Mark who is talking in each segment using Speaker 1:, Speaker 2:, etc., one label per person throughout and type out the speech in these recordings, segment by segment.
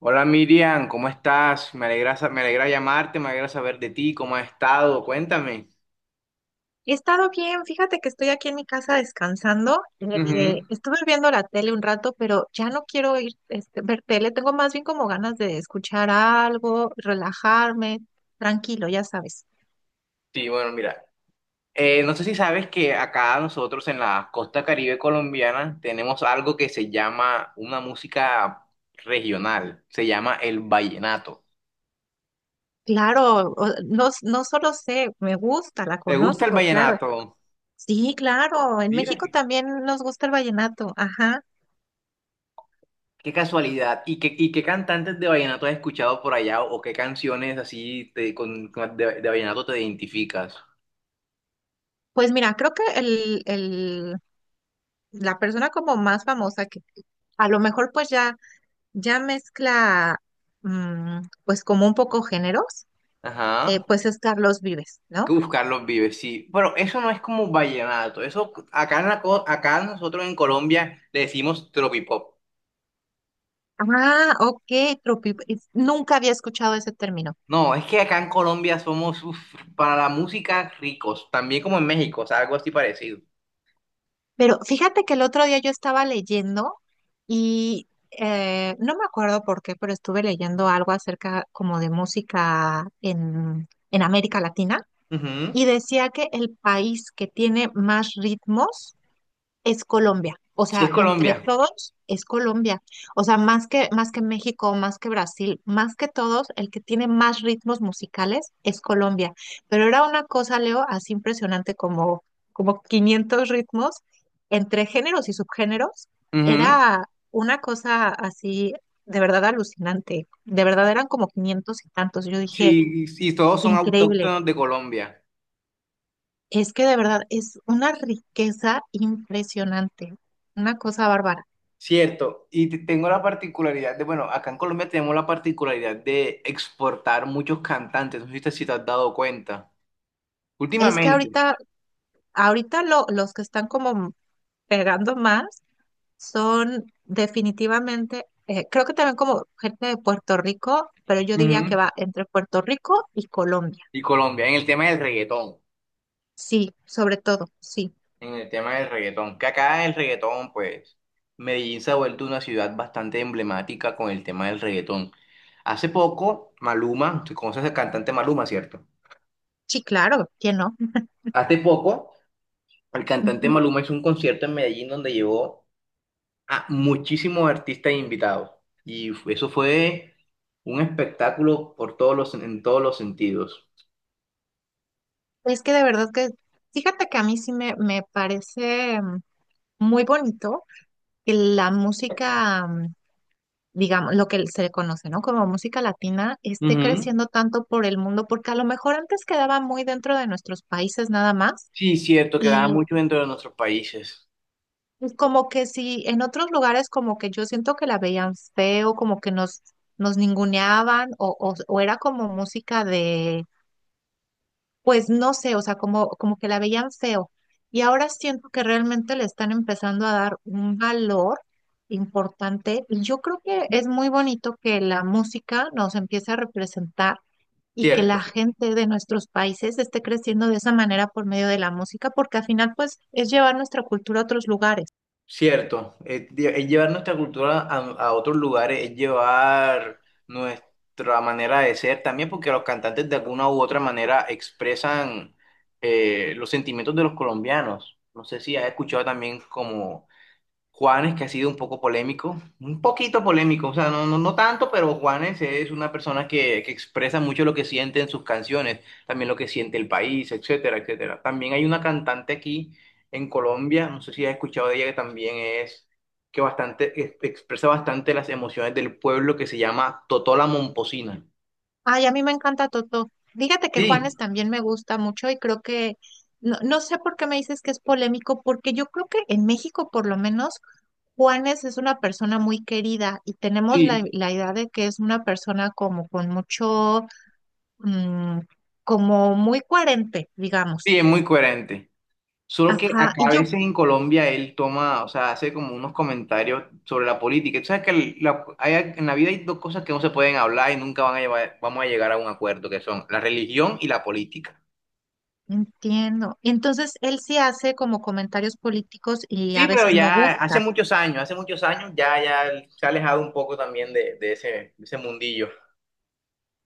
Speaker 1: Hola Miriam, ¿cómo estás? Me alegra, me alegra llamarte, me alegra saber de ti, cómo has estado, cuéntame.
Speaker 2: He estado bien, fíjate que estoy aquí en mi casa descansando.
Speaker 1: Ujú.
Speaker 2: Estuve viendo la tele un rato, pero ya no quiero ir ver tele. Tengo más bien como ganas de escuchar algo, relajarme, tranquilo, ya sabes.
Speaker 1: Sí, bueno, mira, no sé si sabes que acá nosotros en la costa Caribe colombiana tenemos algo que se llama una música regional, se llama el vallenato.
Speaker 2: Claro, no, no solo sé, me gusta, la
Speaker 1: ¿Te gusta el
Speaker 2: conozco, claro.
Speaker 1: vallenato?
Speaker 2: Sí, claro, en
Speaker 1: Mira,
Speaker 2: México
Speaker 1: qué,
Speaker 2: también nos gusta el vallenato, ajá.
Speaker 1: qué casualidad. Y qué cantantes de vallenato has escuchado por allá o qué canciones así de vallenato te identificas?
Speaker 2: Pues mira, creo que la persona como más famosa que a lo mejor pues ya mezcla, pues como un poco géneros,
Speaker 1: Ajá.
Speaker 2: pues es Carlos Vives, ¿no?
Speaker 1: Uf, Carlos Vives, sí. Pero eso no es como vallenato. Eso acá, en acá nosotros en Colombia le decimos tropipop.
Speaker 2: Ah, ok, nunca había escuchado ese término.
Speaker 1: No, es que acá en Colombia somos uf, para la música ricos. También como en México, o sea, algo así parecido.
Speaker 2: Pero fíjate que el otro día yo estaba leyendo y no me acuerdo por qué, pero estuve leyendo algo acerca como de música en América Latina
Speaker 1: Ujú.
Speaker 2: y decía que el país que tiene más ritmos es Colombia. O
Speaker 1: Sí, es
Speaker 2: sea, entre
Speaker 1: Colombia.
Speaker 2: todos es Colombia. O sea, más que México, más que Brasil, más que todos, el que tiene más ritmos musicales es Colombia. Pero era una cosa, Leo, así impresionante como, como 500 ritmos entre géneros y subgéneros.
Speaker 1: Ujú.
Speaker 2: Era una cosa así de verdad alucinante. De verdad eran como 500 y tantos. Yo dije,
Speaker 1: Sí, sí, todos son
Speaker 2: increíble.
Speaker 1: autóctonos de Colombia.
Speaker 2: Es que de verdad es una riqueza impresionante, una cosa bárbara.
Speaker 1: Cierto. Y tengo la particularidad de, bueno, acá en Colombia tenemos la particularidad de exportar muchos cantantes. No sé si te, si te has dado cuenta.
Speaker 2: Es que
Speaker 1: Últimamente.
Speaker 2: ahorita los que están como pegando más son definitivamente, creo que también como gente de Puerto Rico, pero yo diría que va entre Puerto Rico y Colombia.
Speaker 1: Y Colombia, en el tema del reggaetón,
Speaker 2: Sí, sobre todo, sí.
Speaker 1: en el tema del reggaetón, que acá el reggaetón, pues, Medellín se ha vuelto una ciudad bastante emblemática con el tema del reggaetón. Hace poco, Maluma, tú conoces al cantante Maluma, ¿cierto?
Speaker 2: Sí, claro, ¿quién no?
Speaker 1: Hace poco, el cantante
Speaker 2: Ujú.
Speaker 1: Maluma hizo un concierto en Medellín donde llevó a muchísimos artistas e invitados. Y eso fue un espectáculo por todos los, en todos los sentidos.
Speaker 2: Es que de verdad que, fíjate que a mí sí me parece muy bonito que la música digamos, lo que se le conoce, ¿no? Como música latina, esté
Speaker 1: Ujú.
Speaker 2: creciendo tanto por el mundo, porque a lo mejor antes quedaba muy dentro de nuestros países nada más,
Speaker 1: Sí, cierto, que gana
Speaker 2: y
Speaker 1: mucho dentro de nuestros países.
Speaker 2: pues como que si en otros lugares como que yo siento que la veían feo, como que nos ninguneaban, o era como música de pues no sé, o sea, como, como que la veían feo. Y ahora siento que realmente le están empezando a dar un valor importante y yo creo que es muy bonito que la música nos empiece a representar y que la
Speaker 1: Cierto.
Speaker 2: gente de nuestros países esté creciendo de esa manera por medio de la música, porque al final pues es llevar nuestra cultura a otros lugares.
Speaker 1: Cierto, es, es llevar nuestra cultura a otros lugares, es llevar nuestra manera de ser también, porque los cantantes de alguna u otra manera expresan los sentimientos de los colombianos. No sé si has escuchado también como Juanes, que ha sido un poco polémico, un poquito polémico, o sea, no, no, no tanto, pero Juanes es una persona que expresa mucho lo que siente en sus canciones, también lo que siente el país, etcétera, etcétera. También hay una cantante aquí en Colombia, no sé si has escuchado de ella, que también es, que bastante, que expresa bastante las emociones del pueblo, que se llama Totó la Momposina.
Speaker 2: Ay, a mí me encanta Toto. Dígate que
Speaker 1: Sí,
Speaker 2: Juanes también me gusta mucho y creo que, no, no sé por qué me dices que es polémico, porque yo creo que en México por lo menos Juanes es una persona muy querida y tenemos
Speaker 1: sí,
Speaker 2: la idea de que es una persona como con mucho, mm, como muy coherente, digamos.
Speaker 1: sí, es muy coherente. Solo que
Speaker 2: Ajá,
Speaker 1: acá
Speaker 2: y
Speaker 1: a
Speaker 2: yo
Speaker 1: veces en Colombia él toma, o sea, hace como unos comentarios sobre la política. Tú sabes que en la vida hay dos cosas que no se pueden hablar y nunca vamos a llegar a un acuerdo, que son la religión y la política.
Speaker 2: entiendo. Entonces, él sí hace como comentarios políticos y
Speaker 1: Sí,
Speaker 2: a
Speaker 1: pero
Speaker 2: veces no
Speaker 1: ya
Speaker 2: gusta.
Speaker 1: hace muchos años ya, ya él se ha alejado un poco también de ese mundillo.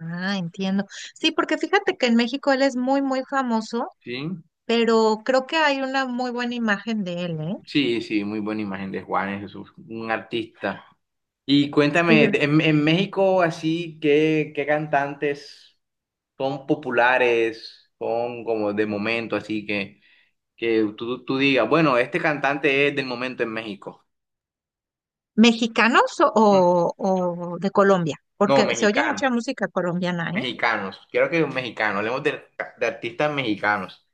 Speaker 2: Ah, entiendo. Sí, porque fíjate que en México él es muy famoso,
Speaker 1: Sí,
Speaker 2: pero creo que hay una muy buena imagen de él, ¿eh?
Speaker 1: sí, sí, muy buena imagen de Juanes, es un artista. Y cuéntame,
Speaker 2: Sí.
Speaker 1: en México así, ¿qué, qué cantantes son populares, son como de momento, así que tú digas, bueno, este cantante es del momento en México?
Speaker 2: ¿Mexicanos
Speaker 1: Mm.
Speaker 2: o de Colombia?
Speaker 1: No,
Speaker 2: Porque se oye
Speaker 1: mexicano,
Speaker 2: mucha música colombiana, ¿eh?
Speaker 1: mexicanos, quiero que mexicano hablemos de artistas mexicanos.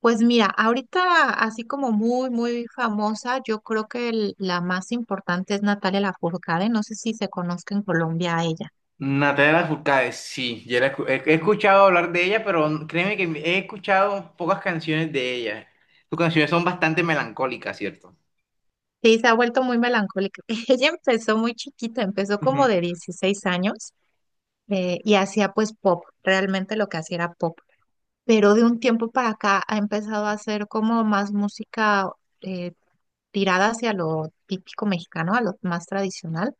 Speaker 2: Pues mira, ahorita así como muy famosa, yo creo que la más importante es Natalia Lafourcade, no sé si se conozca en Colombia a ella.
Speaker 1: Natalia Furcade, sí, he, he escuchado hablar de ella, pero créeme que he escuchado pocas canciones de ella. Sus canciones son bastante melancólicas, ¿cierto?
Speaker 2: Sí, se ha vuelto muy melancólica. Ella empezó muy chiquita, empezó
Speaker 1: Ujú.
Speaker 2: como de 16 años y hacía pues pop, realmente lo que hacía era pop. Pero de un tiempo para acá ha empezado a hacer como más música eh, tirada hacia lo típico mexicano, a lo más tradicional.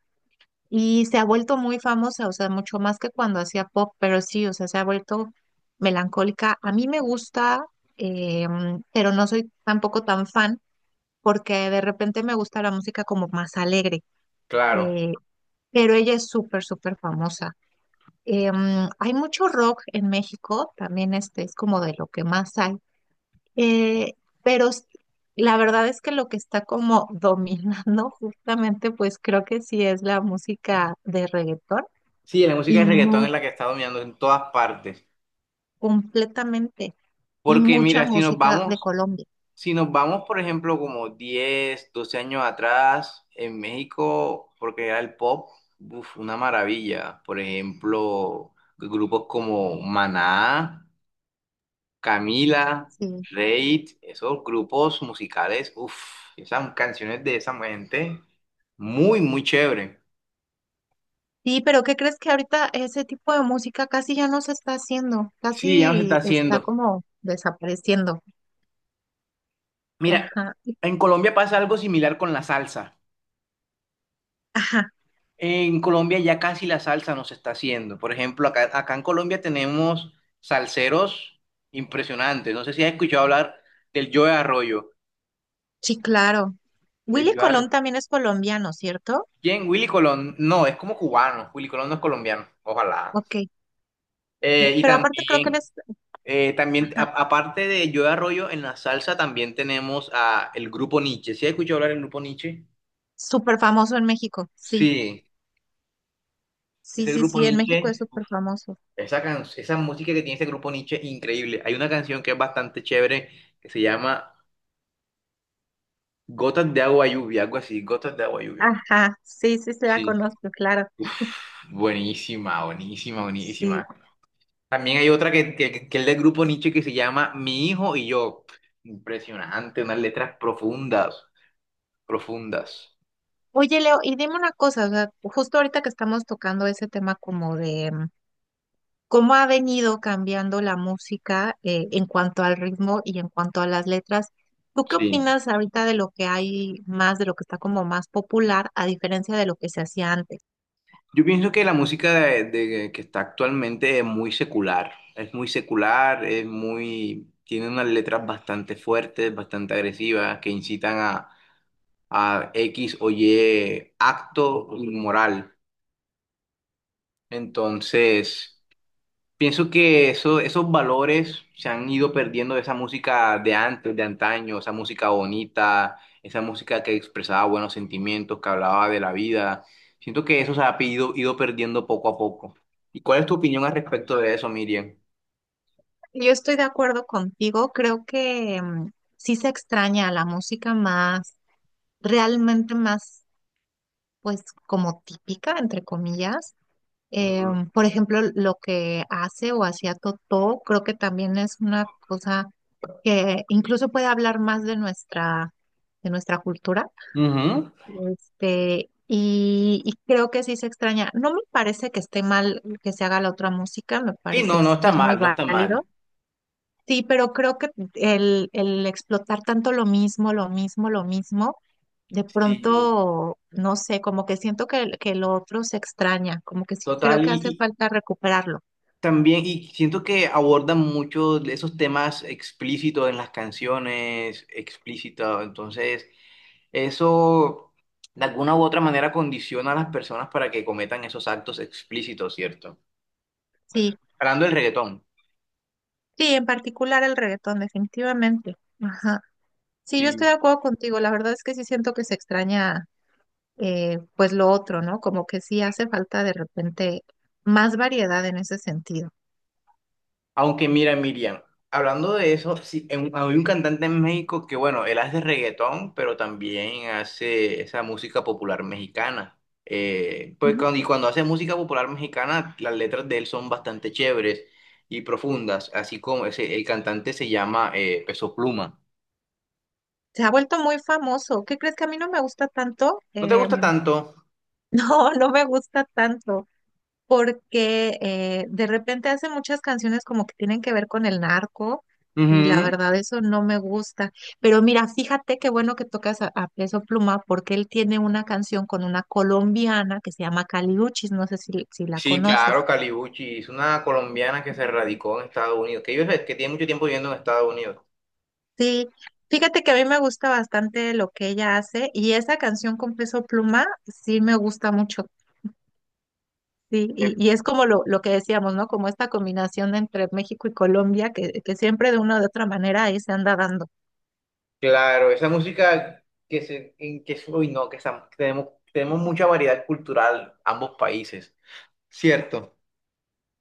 Speaker 2: Y se ha vuelto muy famosa, o sea, mucho más que cuando hacía pop, pero sí, o sea, se ha vuelto melancólica. A mí me gusta, pero no soy tampoco tan fan, porque de repente me gusta la música como más alegre.
Speaker 1: Claro.
Speaker 2: eh, pero ella es súper famosa. Hay mucho rock en México, también este es como de lo que más hay. eh, pero s- la verdad es que lo que está como dominando justamente, pues creo que sí es la música de reggaetón
Speaker 1: Sí, la música
Speaker 2: y
Speaker 1: de reggaetón
Speaker 2: muy
Speaker 1: es la que está dominando en todas partes.
Speaker 2: completamente, y
Speaker 1: Porque
Speaker 2: mucha
Speaker 1: mira, si nos
Speaker 2: música de
Speaker 1: vamos,
Speaker 2: Colombia,
Speaker 1: si nos vamos, por ejemplo, como 10 12 años atrás, en México, porque era el pop, uf, una maravilla. Por ejemplo, grupos como Maná, Camila,
Speaker 2: sí.
Speaker 1: Reid, esos grupos musicales, uff, esas canciones de esa gente, muy, muy chévere.
Speaker 2: Sí, pero ¿qué crees que ahorita ese tipo de música casi ya no se está haciendo?
Speaker 1: Sí, ya no se está
Speaker 2: Casi está
Speaker 1: haciendo.
Speaker 2: como desapareciendo.
Speaker 1: Mira,
Speaker 2: Ajá, y-
Speaker 1: en Colombia pasa algo similar con la salsa.
Speaker 2: ajá,
Speaker 1: En Colombia ya casi la salsa nos está haciendo. Por ejemplo, acá, acá en Colombia tenemos salseros impresionantes. No sé si has escuchado hablar del Joe Arroyo.
Speaker 2: sí, claro.
Speaker 1: El
Speaker 2: Willy
Speaker 1: Joe
Speaker 2: Colón
Speaker 1: Arroyo.
Speaker 2: también es colombiano, ¿cierto?
Speaker 1: ¿Quién? Willy Colón. No, es como cubano. Willy Colón no es colombiano. Ojalá.
Speaker 2: Ok, sí.
Speaker 1: Y
Speaker 2: Pero aparte creo que él
Speaker 1: también,
Speaker 2: es,
Speaker 1: también
Speaker 2: ajá,
Speaker 1: aparte de Joe Arroyo, en la salsa también tenemos a el grupo Nietzsche. ¿Sí has escuchado hablar del grupo Nietzsche?
Speaker 2: súper famoso en México, sí.
Speaker 1: Sí,
Speaker 2: Sí,
Speaker 1: ese
Speaker 2: sí,
Speaker 1: grupo
Speaker 2: sí, en México es
Speaker 1: Nietzsche.
Speaker 2: súper famoso.
Speaker 1: Esa, esa música que tiene ese grupo Nietzsche, increíble. Hay una canción que es bastante chévere que se llama Gotas de agua lluvia, algo así, Gotas de agua lluvia.
Speaker 2: Ajá, sí, sí, se la
Speaker 1: Sí,
Speaker 2: conozco, claro.
Speaker 1: uf, buenísima, buenísima,
Speaker 2: Sí.
Speaker 1: buenísima. También hay otra que es del grupo Nietzsche que se llama Mi hijo y yo. Impresionante, unas letras profundas, profundas.
Speaker 2: Oye, Leo, y dime una cosa, o sea, justo ahorita que estamos tocando ese tema como de cómo ha venido cambiando la música en cuanto al ritmo y en cuanto a las letras, ¿tú qué
Speaker 1: Sí.
Speaker 2: opinas ahorita de lo que hay más, de lo que está como más popular, a diferencia de lo que se hacía antes?
Speaker 1: Yo pienso que la música de, que está actualmente es muy secular, es muy secular, es muy, tiene unas letras bastante fuertes, bastante agresivas, que incitan a X o Y acto inmoral. Entonces, pienso que eso, esos valores se han ido perdiendo de esa música de antes, de antaño, esa música bonita, esa música que expresaba buenos sentimientos, que hablaba de la vida. Siento que eso se ha ido, ido perdiendo poco a poco. ¿Y cuál es tu opinión al respecto de eso, Miriam?
Speaker 2: Yo estoy de acuerdo contigo, creo que sí se extraña a la música más, realmente más, pues como típica, entre comillas. Eh,
Speaker 1: Ujú.
Speaker 2: por ejemplo, lo que hace o hacía Totó, creo que también es una cosa que incluso puede hablar más de nuestra cultura.
Speaker 1: Ujú.
Speaker 2: Este, y creo que sí se extraña. No me parece que esté mal que se haga la otra música, me
Speaker 1: Sí,
Speaker 2: parece
Speaker 1: no, no
Speaker 2: que
Speaker 1: está
Speaker 2: es muy
Speaker 1: mal, no está
Speaker 2: válido.
Speaker 1: mal.
Speaker 2: Sí, pero creo que el explotar tanto lo mismo, lo mismo, lo mismo, de
Speaker 1: Sí,
Speaker 2: pronto, no sé, como que siento que, que lo otro se extraña, como que sí creo
Speaker 1: total.
Speaker 2: que hace
Speaker 1: Y
Speaker 2: falta recuperarlo.
Speaker 1: también, y siento que abordan mucho de esos temas explícitos en las canciones, explícitos. Entonces, eso de alguna u otra manera condiciona a las personas para que cometan esos actos explícitos, ¿cierto?
Speaker 2: Sí,
Speaker 1: Hablando del reggaetón,
Speaker 2: sí, en particular el reggaetón, definitivamente. Ajá. Sí, yo estoy de
Speaker 1: sí.
Speaker 2: acuerdo contigo, la verdad es que sí siento que se extraña, pues lo otro, ¿no? Como que sí hace falta de repente más variedad en ese sentido.
Speaker 1: Aunque mira, Miriam, hablando de eso, sí, hay un cantante en México que, bueno, él hace reggaetón, pero también hace esa música popular mexicana. Pues
Speaker 2: Ujú.
Speaker 1: cuando, y cuando hace música popular mexicana, las letras de él son bastante chéveres y profundas, así como ese, el cantante se llama Peso Pluma.
Speaker 2: Se ha vuelto muy famoso. ¿Qué crees que a mí no me gusta tanto?
Speaker 1: ¿No te gusta tanto?
Speaker 2: No, no me gusta tanto, porque de repente hace muchas canciones como que tienen que ver con el narco y la
Speaker 1: Ujú.
Speaker 2: verdad eso no me gusta. Pero mira, fíjate qué bueno que tocas a Peso Pluma porque él tiene una canción con una colombiana que se llama Caliuchis, no sé si la
Speaker 1: Sí, claro,
Speaker 2: conoces.
Speaker 1: Calibuchi, es una colombiana que se radicó en Estados Unidos, que, que tiene mucho tiempo viviendo en Estados Unidos.
Speaker 2: Sí, fíjate que a mí me gusta bastante lo que ella hace y esa canción con Peso Pluma sí me gusta mucho. Sí,
Speaker 1: Eh,
Speaker 2: y es como lo que decíamos, ¿no? Como esta combinación entre México y Colombia que siempre de una u otra manera ahí se anda dando.
Speaker 1: Claro, esa música que se, en que, uy, no, tenemos, tenemos mucha variedad cultural, ambos países. Cierto.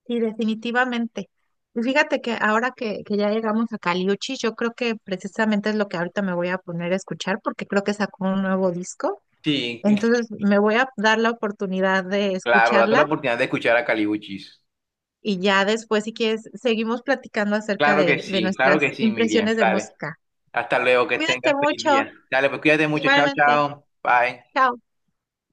Speaker 2: Sí, definitivamente. Y fíjate que ahora que ya llegamos a Caliuchi, yo creo que precisamente es lo que ahorita me voy a poner a escuchar porque creo que sacó un nuevo disco.
Speaker 1: Sí,
Speaker 2: Entonces me voy a dar la oportunidad de
Speaker 1: claro, date la
Speaker 2: escucharla
Speaker 1: oportunidad de escuchar a Calibuchis.
Speaker 2: y ya después, si quieres, seguimos platicando acerca de
Speaker 1: Claro que
Speaker 2: nuestras
Speaker 1: sí, Miriam.
Speaker 2: impresiones de
Speaker 1: Dale.
Speaker 2: música.
Speaker 1: Hasta luego, que
Speaker 2: Cuídate
Speaker 1: tengas feliz
Speaker 2: mucho,
Speaker 1: día. Dale, pues cuídate mucho. Chao,
Speaker 2: igualmente.
Speaker 1: chao. Bye.
Speaker 2: Chao.